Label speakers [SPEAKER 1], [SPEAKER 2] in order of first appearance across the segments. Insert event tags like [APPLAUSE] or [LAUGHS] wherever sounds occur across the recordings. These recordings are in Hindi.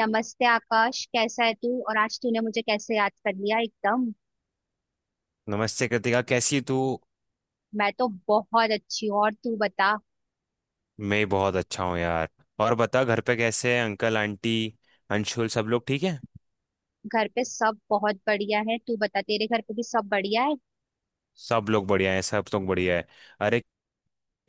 [SPEAKER 1] नमस्ते आकाश, कैसा है तू? और आज तूने मुझे कैसे याद कर लिया एकदम?
[SPEAKER 2] नमस्ते कृतिका। कैसी तू?
[SPEAKER 1] मैं तो बहुत अच्छी हूँ, और तू बता।
[SPEAKER 2] मैं बहुत अच्छा हूँ यार। और बता, घर पे कैसे हैं अंकल आंटी, अंशुल? सब लोग ठीक है?
[SPEAKER 1] घर पे सब बहुत बढ़िया है, तू बता, तेरे घर पे भी सब बढ़िया है?
[SPEAKER 2] सब लोग बढ़िया हैं, सब लोग बढ़िया है। अरे,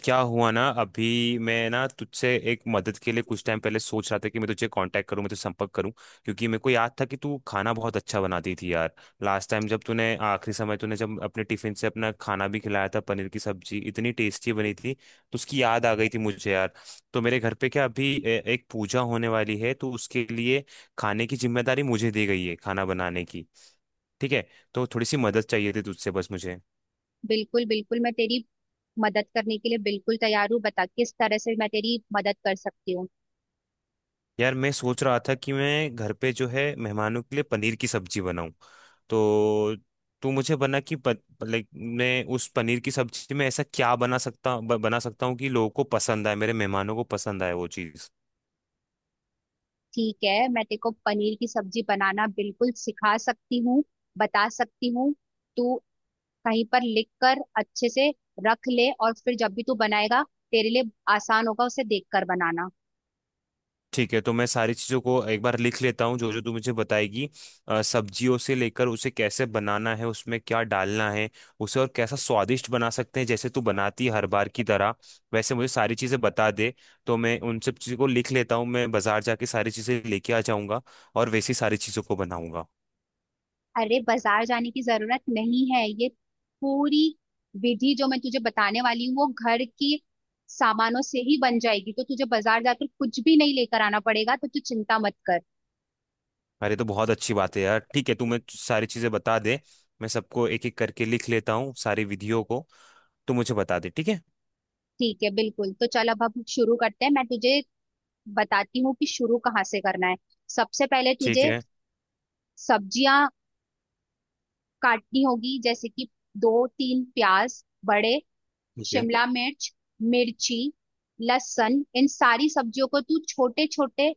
[SPEAKER 2] क्या हुआ ना, अभी मैं ना तुझसे एक मदद के लिए कुछ टाइम पहले सोच रहा था कि मैं तुझे कांटेक्ट करूं, मैं तुझसे संपर्क करूं। क्योंकि मेरे को याद था कि तू खाना बहुत अच्छा बनाती थी यार। लास्ट टाइम जब तूने आखिरी समय तूने जब अपने टिफिन से अपना खाना भी खिलाया था, पनीर की सब्जी इतनी टेस्टी बनी थी, तो उसकी याद आ गई थी मुझे यार। तो मेरे घर पे क्या अभी एक पूजा होने वाली है, तो उसके लिए खाने की जिम्मेदारी मुझे दी गई है, खाना बनाने की। ठीक है? तो थोड़ी सी मदद चाहिए थी तुझसे बस मुझे।
[SPEAKER 1] बिल्कुल बिल्कुल, मैं तेरी मदद करने के लिए बिल्कुल तैयार हूँ। बता किस तरह से मैं तेरी मदद कर सकती हूँ।
[SPEAKER 2] यार, मैं सोच रहा था कि मैं घर पे जो है मेहमानों के लिए पनीर की सब्जी बनाऊं। तो तू मुझे बना कि लाइक मैं उस पनीर की सब्जी में ऐसा क्या बना सकता बना सकता हूँ कि लोगों को पसंद आए, मेरे मेहमानों को पसंद आए वो चीज़।
[SPEAKER 1] ठीक है, मैं तेरे को पनीर की सब्जी बनाना बिल्कुल सिखा सकती हूँ, बता सकती हूँ। तू कहीं पर लिख कर अच्छे से रख ले, और फिर जब भी तू बनाएगा, तेरे लिए आसान होगा उसे देख कर बनाना।
[SPEAKER 2] ठीक है, तो मैं सारी चीज़ों को एक बार लिख लेता हूँ जो जो तू मुझे बताएगी। सब्जियों से लेकर उसे कैसे बनाना है, उसमें क्या डालना है, उसे और कैसा स्वादिष्ट बना सकते हैं जैसे तू बनाती है हर बार की तरह। वैसे मुझे सारी चीज़ें बता दे। तो मैं उन सब चीज़ों को लिख लेता हूँ, मैं बाजार जाके सारी चीज़ें लेके आ जाऊंगा और वैसी सारी चीज़ों को बनाऊंगा।
[SPEAKER 1] अरे, बाजार जाने की जरूरत नहीं है। ये पूरी विधि जो मैं तुझे बताने वाली हूँ, वो घर की सामानों से ही बन जाएगी, तो तुझे बाजार जाकर कुछ भी नहीं लेकर आना पड़ेगा, तो तू चिंता मत कर।
[SPEAKER 2] अरे, तो बहुत अच्छी बात है यार। ठीक है तू, मैं सारी चीज़ें बता दे। मैं सबको एक एक करके लिख लेता हूँ सारी विधियों को। तू मुझे बता दे। ठीक है।
[SPEAKER 1] ठीक है, बिल्कुल। तो चल अब हम शुरू करते हैं, मैं तुझे बताती हूँ कि शुरू कहाँ से करना है। सबसे पहले
[SPEAKER 2] ठीक
[SPEAKER 1] तुझे
[SPEAKER 2] है।
[SPEAKER 1] सब्जियां काटनी होगी, जैसे कि दो तीन प्याज बड़े,
[SPEAKER 2] ठीक है।
[SPEAKER 1] शिमला मिर्च, मिर्ची, लहसुन। इन सारी सब्जियों को तू छोटे छोटे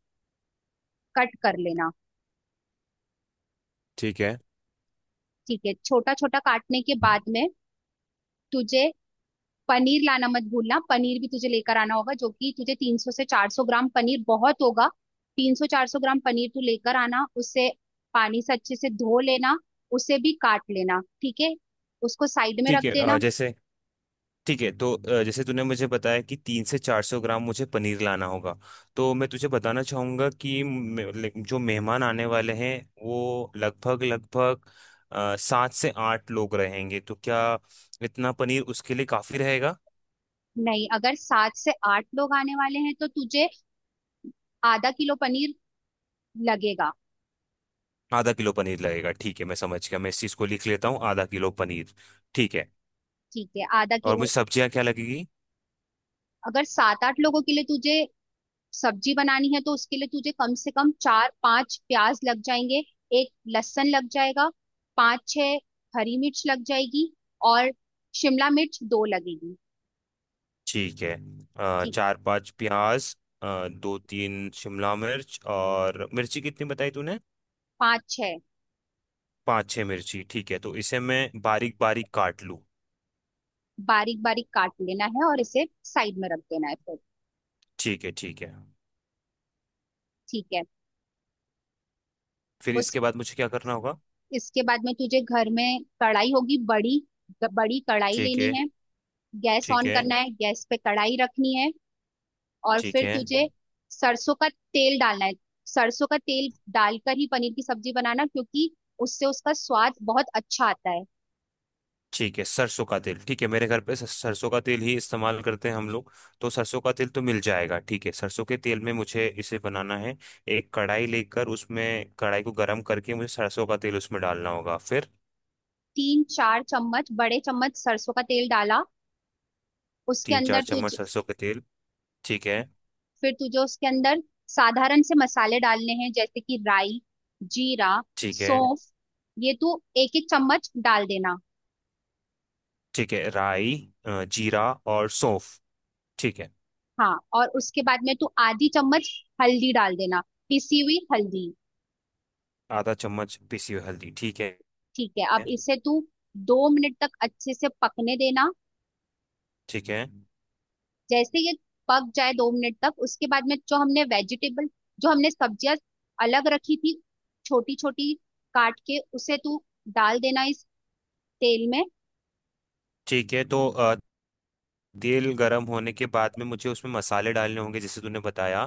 [SPEAKER 1] कट कर लेना।
[SPEAKER 2] ठीक है।
[SPEAKER 1] ठीक है, छोटा छोटा काटने के बाद में तुझे पनीर लाना मत भूलना, पनीर भी तुझे लेकर आना होगा, जो कि तुझे 300 से 400 ग्राम पनीर बहुत होगा। 300 400 ग्राम पनीर तू लेकर आना, उसे पानी से अच्छे से धो लेना, उसे भी काट लेना, ठीक है, उसको साइड में रख
[SPEAKER 2] ठीक है।
[SPEAKER 1] देना।
[SPEAKER 2] जैसे, ठीक है तो जैसे तूने मुझे बताया कि 300 से 400 ग्राम मुझे पनीर लाना होगा, तो मैं तुझे बताना चाहूँगा कि लाइक जो मेहमान आने वाले हैं, वो लगभग लगभग सात से आठ लोग रहेंगे, तो क्या इतना पनीर उसके लिए काफ़ी रहेगा?
[SPEAKER 1] नहीं, अगर सात से आठ लोग आने वाले हैं तो तुझे आधा किलो पनीर लगेगा।
[SPEAKER 2] आधा किलो पनीर लगेगा, ठीक है, मैं समझ गया। मैं इस चीज़ को लिख लेता हूँ, आधा किलो पनीर। ठीक है।
[SPEAKER 1] ठीक है, आधा
[SPEAKER 2] और
[SPEAKER 1] किलो।
[SPEAKER 2] मुझे सब्जियाँ क्या लगेगी?
[SPEAKER 1] अगर सात आठ लोगों के लिए तुझे सब्जी बनानी है तो उसके लिए तुझे कम से कम चार पांच प्याज लग जाएंगे, एक लहसुन लग जाएगा, पांच छह हरी मिर्च लग जाएगी, और शिमला मिर्च दो लगेगी।
[SPEAKER 2] ठीक है।
[SPEAKER 1] ठीक।
[SPEAKER 2] चार पाँच प्याज, दो तीन शिमला मिर्च, और मिर्ची कितनी बताई तूने?
[SPEAKER 1] पांच छह
[SPEAKER 2] पाँच छः मिर्ची। ठीक है, तो इसे मैं बारीक बारीक काट लूँ।
[SPEAKER 1] बारीक बारीक काट लेना है और इसे साइड में रख देना है फिर।
[SPEAKER 2] ठीक है। ठीक है।
[SPEAKER 1] ठीक है,
[SPEAKER 2] फिर
[SPEAKER 1] उस
[SPEAKER 2] इसके बाद मुझे क्या करना होगा?
[SPEAKER 1] इसके बाद में तुझे घर में कढ़ाई होगी, बड़ी बड़ी कढ़ाई
[SPEAKER 2] ठीक
[SPEAKER 1] लेनी
[SPEAKER 2] है।
[SPEAKER 1] है। गैस
[SPEAKER 2] ठीक
[SPEAKER 1] ऑन
[SPEAKER 2] है।
[SPEAKER 1] करना है, गैस पे कढ़ाई रखनी है, और
[SPEAKER 2] ठीक
[SPEAKER 1] फिर
[SPEAKER 2] है।
[SPEAKER 1] तुझे सरसों का तेल डालना है। सरसों का तेल डालकर ही पनीर की सब्जी बनाना, क्योंकि उससे उसका स्वाद बहुत अच्छा आता है।
[SPEAKER 2] ठीक है, सरसों का तेल। ठीक है, मेरे घर पे सरसों का तेल ही इस्तेमाल करते हैं हम लोग। तो सरसों का तेल तो मिल जाएगा। ठीक है, सरसों के तेल में मुझे इसे बनाना है। एक कढ़ाई लेकर उसमें कढ़ाई को गर्म करके मुझे सरसों का तेल उसमें डालना होगा। फिर
[SPEAKER 1] 3-4 चम्मच, बड़े चम्मच सरसों का तेल डाला उसके
[SPEAKER 2] तीन
[SPEAKER 1] अंदर
[SPEAKER 2] चार चम्मच
[SPEAKER 1] तुझ
[SPEAKER 2] सरसों का तेल। ठीक है।
[SPEAKER 1] फिर तुझे उसके अंदर साधारण से मसाले डालने हैं, जैसे कि राई, जीरा,
[SPEAKER 2] ठीक है।
[SPEAKER 1] सौंफ, ये तू एक एक चम्मच डाल देना।
[SPEAKER 2] ठीक है, राई, जीरा और सौंफ। ठीक है।
[SPEAKER 1] हाँ, और उसके बाद में तू आधी चम्मच हल्दी डाल देना, पिसी हुई हल्दी।
[SPEAKER 2] आधा चम्मच पिसी हुई हल्दी। ठीक है।
[SPEAKER 1] ठीक है, अब इसे तू 2 मिनट तक अच्छे से पकने देना।
[SPEAKER 2] ठीक है।
[SPEAKER 1] जैसे ये पक जाए 2 मिनट तक, उसके बाद में जो हमने सब्जियां अलग रखी थी छोटी छोटी काट के, उसे तू डाल देना इस तेल में।
[SPEAKER 2] ठीक है तो तेल गरम होने के बाद में मुझे उसमें मसाले डालने होंगे जैसे तूने बताया।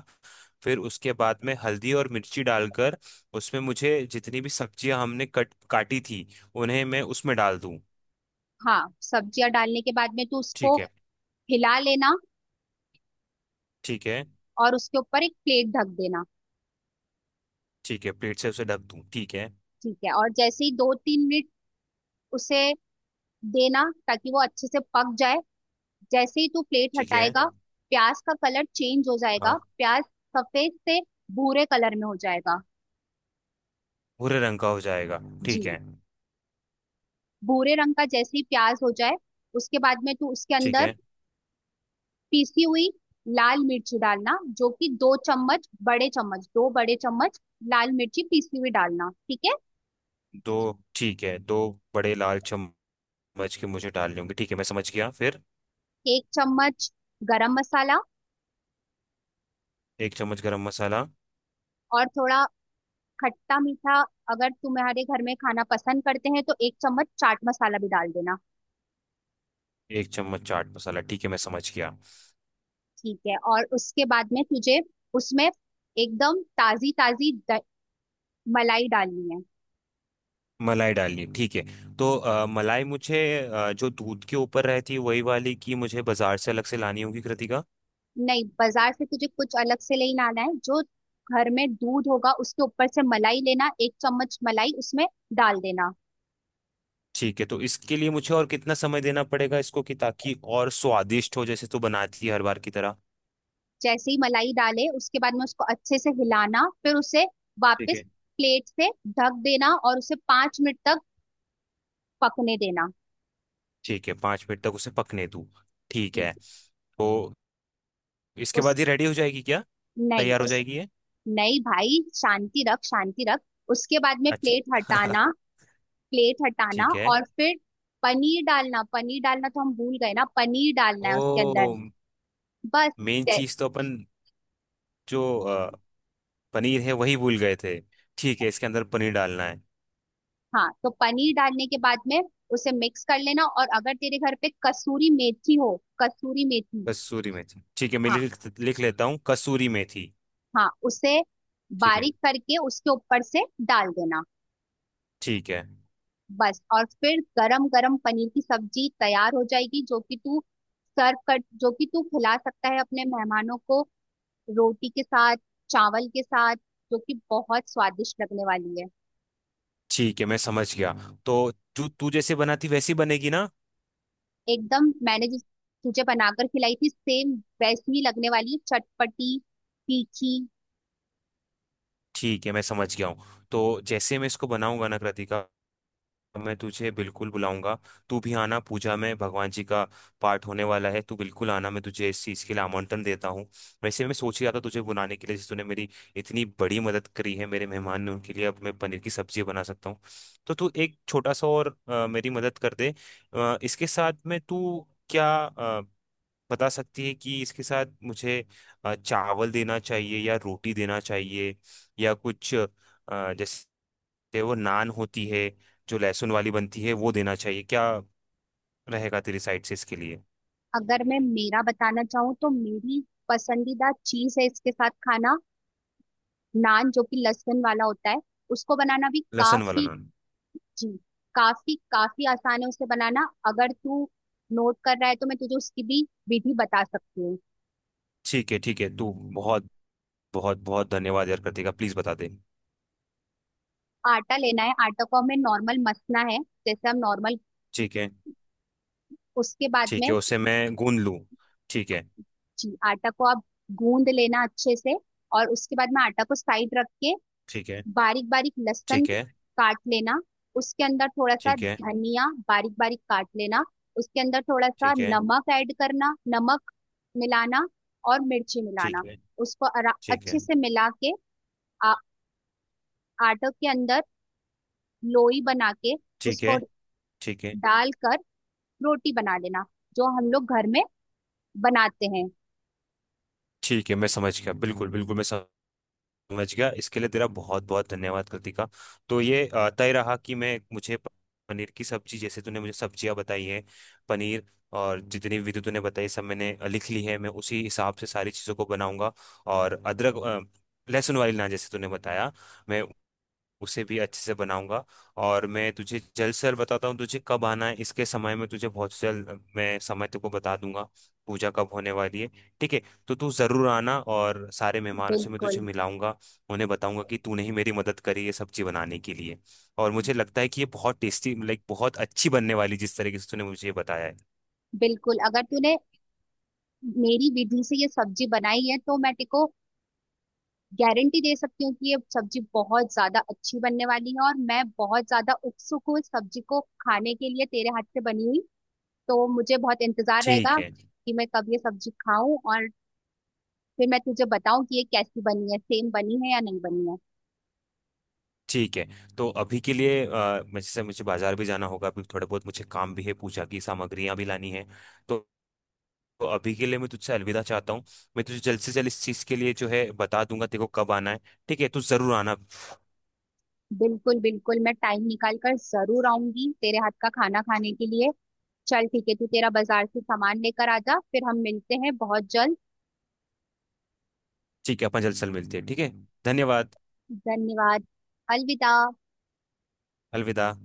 [SPEAKER 2] फिर उसके बाद में हल्दी और मिर्ची डालकर उसमें मुझे जितनी भी सब्जियां हमने कट काटी थी, उन्हें मैं उसमें डाल दूं।
[SPEAKER 1] हाँ, सब्जियां डालने के बाद में तू उसको
[SPEAKER 2] ठीक है।
[SPEAKER 1] हिला लेना,
[SPEAKER 2] ठीक है।
[SPEAKER 1] और उसके ऊपर एक प्लेट ढक देना।
[SPEAKER 2] ठीक है, प्लेट से उसे ढक दूं, ठीक है।
[SPEAKER 1] ठीक है, और जैसे ही 2-3 मिनट उसे देना ताकि वो अच्छे से पक जाए। जैसे ही तू प्लेट
[SPEAKER 2] ठीक है।
[SPEAKER 1] हटाएगा, प्याज का कलर चेंज हो जाएगा,
[SPEAKER 2] हाँ।
[SPEAKER 1] प्याज सफेद से भूरे कलर में हो जाएगा।
[SPEAKER 2] भूरे रंग का हो जाएगा।
[SPEAKER 1] जी,
[SPEAKER 2] ठीक है।
[SPEAKER 1] भूरे रंग का। जैसे ही प्याज हो जाए, उसके बाद में तू उसके
[SPEAKER 2] ठीक
[SPEAKER 1] अंदर
[SPEAKER 2] है,
[SPEAKER 1] पीसी हुई लाल मिर्च डालना, जो कि 2 चम्मच, बड़े चम्मच, 2 बड़े चम्मच लाल मिर्ची पीसी हुई डालना। ठीक है,
[SPEAKER 2] दो, ठीक है, दो बड़े लाल चम्मच के मुझे डालने होंगे। ठीक है, मैं समझ गया। फिर
[SPEAKER 1] 1 चम्मच गरम मसाला,
[SPEAKER 2] एक चम्मच गरम मसाला,
[SPEAKER 1] और थोड़ा खट्टा मीठा अगर तुम्हारे घर में खाना पसंद करते हैं तो 1 चम्मच चाट मसाला भी डाल देना।
[SPEAKER 2] एक चम्मच चाट मसाला। ठीक है, मैं समझ गया।
[SPEAKER 1] ठीक है, और उसके बाद में तुझे उसमें एकदम ताजी ताजी मलाई डालनी है।
[SPEAKER 2] मलाई डालनी, ठीक है। तो मलाई मुझे जो दूध के ऊपर रहती है वही वाली की मुझे बाजार से अलग से लानी होगी कृतिका?
[SPEAKER 1] नहीं, बाजार से तुझे कुछ अलग से लेना आना है, जो घर में दूध होगा उसके ऊपर से मलाई लेना, 1 चम्मच मलाई उसमें डाल देना।
[SPEAKER 2] ठीक है, तो इसके लिए मुझे और कितना समय देना पड़ेगा इसको कि, ताकि और स्वादिष्ट हो जैसे तो बनाती है हर बार की तरह?
[SPEAKER 1] जैसे ही मलाई डाले, उसके बाद में उसको अच्छे से हिलाना, फिर उसे
[SPEAKER 2] ठीक
[SPEAKER 1] वापस
[SPEAKER 2] है।
[SPEAKER 1] प्लेट से ढक देना, और उसे 5 मिनट तक पकने देना।
[SPEAKER 2] ठीक है, 5 मिनट तक उसे पकने दूँ, ठीक
[SPEAKER 1] ठीक।
[SPEAKER 2] है। तो इसके
[SPEAKER 1] उस
[SPEAKER 2] बाद ये रेडी हो जाएगी क्या?
[SPEAKER 1] नहीं,
[SPEAKER 2] तैयार हो
[SPEAKER 1] उस
[SPEAKER 2] जाएगी ये?
[SPEAKER 1] नहीं, भाई, शांति रख, शांति रख। उसके बाद में
[SPEAKER 2] अच्छा।
[SPEAKER 1] प्लेट
[SPEAKER 2] [LAUGHS]
[SPEAKER 1] हटाना, प्लेट हटाना,
[SPEAKER 2] ठीक है।
[SPEAKER 1] और फिर पनीर डालना। पनीर डालना तो हम भूल गए ना, पनीर डालना
[SPEAKER 2] ओ,
[SPEAKER 1] है उसके अंदर, बस।
[SPEAKER 2] मेन चीज तो अपन, जो पनीर है, वही भूल गए थे। ठीक है, इसके अंदर पनीर डालना है।
[SPEAKER 1] हाँ, तो पनीर डालने के बाद में उसे मिक्स कर लेना, और अगर तेरे घर पे कसूरी मेथी हो, कसूरी मेथी,
[SPEAKER 2] कसूरी मेथी, ठीक है, मैं
[SPEAKER 1] हाँ
[SPEAKER 2] लिख लिख लेता हूँ, कसूरी मेथी।
[SPEAKER 1] हाँ, उसे
[SPEAKER 2] ठीक है।
[SPEAKER 1] बारीक करके उसके ऊपर से डाल देना,
[SPEAKER 2] ठीक है।
[SPEAKER 1] बस। और फिर गरम गरम पनीर की सब्जी तैयार हो जाएगी, जो कि तू सर्व कर, जो कि तू खिला सकता है अपने मेहमानों को रोटी के साथ, चावल के साथ, जो कि बहुत स्वादिष्ट लगने वाली है।
[SPEAKER 2] ठीक है, मैं समझ गया। तो जो तू जैसे बनाती वैसी बनेगी ना?
[SPEAKER 1] एकदम। मैंने जिस तुझे बनाकर खिलाई थी, सेम वैसी ही लगने वाली है, चटपटी, तीखी।
[SPEAKER 2] ठीक है, मैं समझ गया हूँ। तो जैसे मैं इसको बनाऊंगा ना कृतिका, मैं तुझे बिल्कुल बुलाऊंगा। तू भी आना, पूजा में भगवान जी का पाठ होने वाला है, तू बिल्कुल आना, मैं तुझे इस चीज़ के लिए आमंत्रण देता हूँ। वैसे मैं सोच ही रहा था तुझे बुलाने के लिए जैसे तूने मेरी इतनी बड़ी मदद करी है। मेरे मेहमान ने, उनके लिए अब मैं पनीर की सब्जी बना सकता हूँ। तो तू एक छोटा सा और मेरी मदद कर दे। इसके साथ में तू क्या बता सकती है कि इसके साथ मुझे चावल देना चाहिए या रोटी देना चाहिए, या कुछ जैसे, चाहे वो नान होती है जो लहसुन वाली बनती है, वो देना चाहिए क्या? रहेगा तेरी साइड से इसके लिए?
[SPEAKER 1] अगर मैं मेरा बताना चाहूँ तो मेरी पसंदीदा चीज है इसके साथ खाना नान, जो कि लहसुन वाला होता है, उसको बनाना भी
[SPEAKER 2] लहसुन वाला
[SPEAKER 1] काफी।
[SPEAKER 2] नान।
[SPEAKER 1] जी, काफी काफी आसान है उसे बनाना। अगर तू नोट कर रहा है तो मैं तुझे उसकी भी विधि बता सकती हूँ।
[SPEAKER 2] ठीक है। ठीक है, तू बहुत बहुत बहुत धन्यवाद यार कृतिका, प्लीज बता दे।
[SPEAKER 1] आटा लेना है, आटा को हमें नॉर्मल मसना है, जैसे हम नॉर्मल।
[SPEAKER 2] ठीक है।
[SPEAKER 1] उसके बाद
[SPEAKER 2] ठीक
[SPEAKER 1] में,
[SPEAKER 2] है, उसे मैं गूंद लूँ। ठीक है।
[SPEAKER 1] जी, आटा को आप गूंद लेना अच्छे से, और उसके बाद में आटा को साइड रख के
[SPEAKER 2] ठीक है।
[SPEAKER 1] बारीक बारीक लहसुन
[SPEAKER 2] ठीक है।
[SPEAKER 1] काट लेना, उसके अंदर थोड़ा सा
[SPEAKER 2] ठीक है।
[SPEAKER 1] धनिया बारीक बारीक काट लेना, उसके अंदर थोड़ा सा
[SPEAKER 2] ठीक है।
[SPEAKER 1] नमक ऐड करना, नमक मिलाना, और मिर्ची मिलाना।
[SPEAKER 2] ठीक है।
[SPEAKER 1] उसको
[SPEAKER 2] ठीक
[SPEAKER 1] अच्छे
[SPEAKER 2] है।
[SPEAKER 1] से मिला के, आ, आटे के अंदर लोई बना के
[SPEAKER 2] ठीक है।
[SPEAKER 1] उसको
[SPEAKER 2] ठीक है।
[SPEAKER 1] डालकर रोटी बना लेना, जो हम लोग घर में बनाते हैं।
[SPEAKER 2] ठीक है, मैं समझ गया, बिल्कुल बिल्कुल मैं समझ समझ गया। इसके लिए तेरा बहुत बहुत धन्यवाद कृतिका। तो ये तय रहा कि मैं मुझे पनीर की सब्जी जैसे तूने मुझे सब्जियां बताई हैं, पनीर, और जितनी विधि तूने बताई सब मैंने लिख ली है, मैं उसी हिसाब से सारी चीज़ों को बनाऊंगा। और अदरक, लहसुन वाली ना जैसे तूने बताया, मैं उसे भी अच्छे से बनाऊंगा। और मैं तुझे जल्द से जल्द बताता हूँ तुझे कब आना है इसके समय में, तुझे बहुत जल्द मैं समय तुमको बता दूंगा पूजा कब होने वाली है। ठीक है, तो तू जरूर आना, और सारे मेहमानों से मैं
[SPEAKER 1] बिल्कुल
[SPEAKER 2] तुझे मिलाऊंगा, उन्हें बताऊंगा कि तूने ही मेरी मदद करी ये सब्जी बनाने के लिए। और मुझे लगता है कि ये बहुत टेस्टी, लाइक बहुत अच्छी बनने वाली, जिस तरीके से तूने मुझे ये बताया है।
[SPEAKER 1] बिल्कुल। अगर तूने मेरी विधि से ये सब्जी बनाई है तो मैं तेको गारंटी दे सकती हूँ कि ये सब्जी बहुत ज्यादा अच्छी बनने वाली है, और मैं बहुत ज्यादा उत्सुक हूँ इस सब्जी को खाने के लिए, तेरे हाथ से बनी हुई। तो मुझे बहुत इंतजार
[SPEAKER 2] ठीक
[SPEAKER 1] रहेगा
[SPEAKER 2] है।
[SPEAKER 1] कि मैं कब ये सब्जी खाऊं, और फिर मैं तुझे बताऊं कि ये कैसी बनी है, सेम बनी है या नहीं बनी है।
[SPEAKER 2] ठीक है, तो अभी के लिए जैसे मुझे बाजार भी जाना होगा, अभी थोड़ा बहुत मुझे काम भी है, पूजा की सामग्रियां भी लानी है। तो तो अभी के लिए मैं तुझसे अलविदा चाहता हूँ, मैं तुझे जल्द से जल्द इस चीज़ के लिए जो है बता दूंगा तेरे को कब आना है। ठीक है, तू जरूर आना।
[SPEAKER 1] बिल्कुल बिल्कुल, मैं टाइम निकाल कर जरूर आऊंगी तेरे हाथ का खाना खाने के लिए। चल ठीक है, तू तेरा बाजार से सामान लेकर आ जा, फिर हम मिलते हैं बहुत जल्द।
[SPEAKER 2] ठीक है, अपन जल्द से जल्द मिलते हैं, ठीक है। धन्यवाद।
[SPEAKER 1] धन्यवाद। अलविदा।
[SPEAKER 2] अलविदा।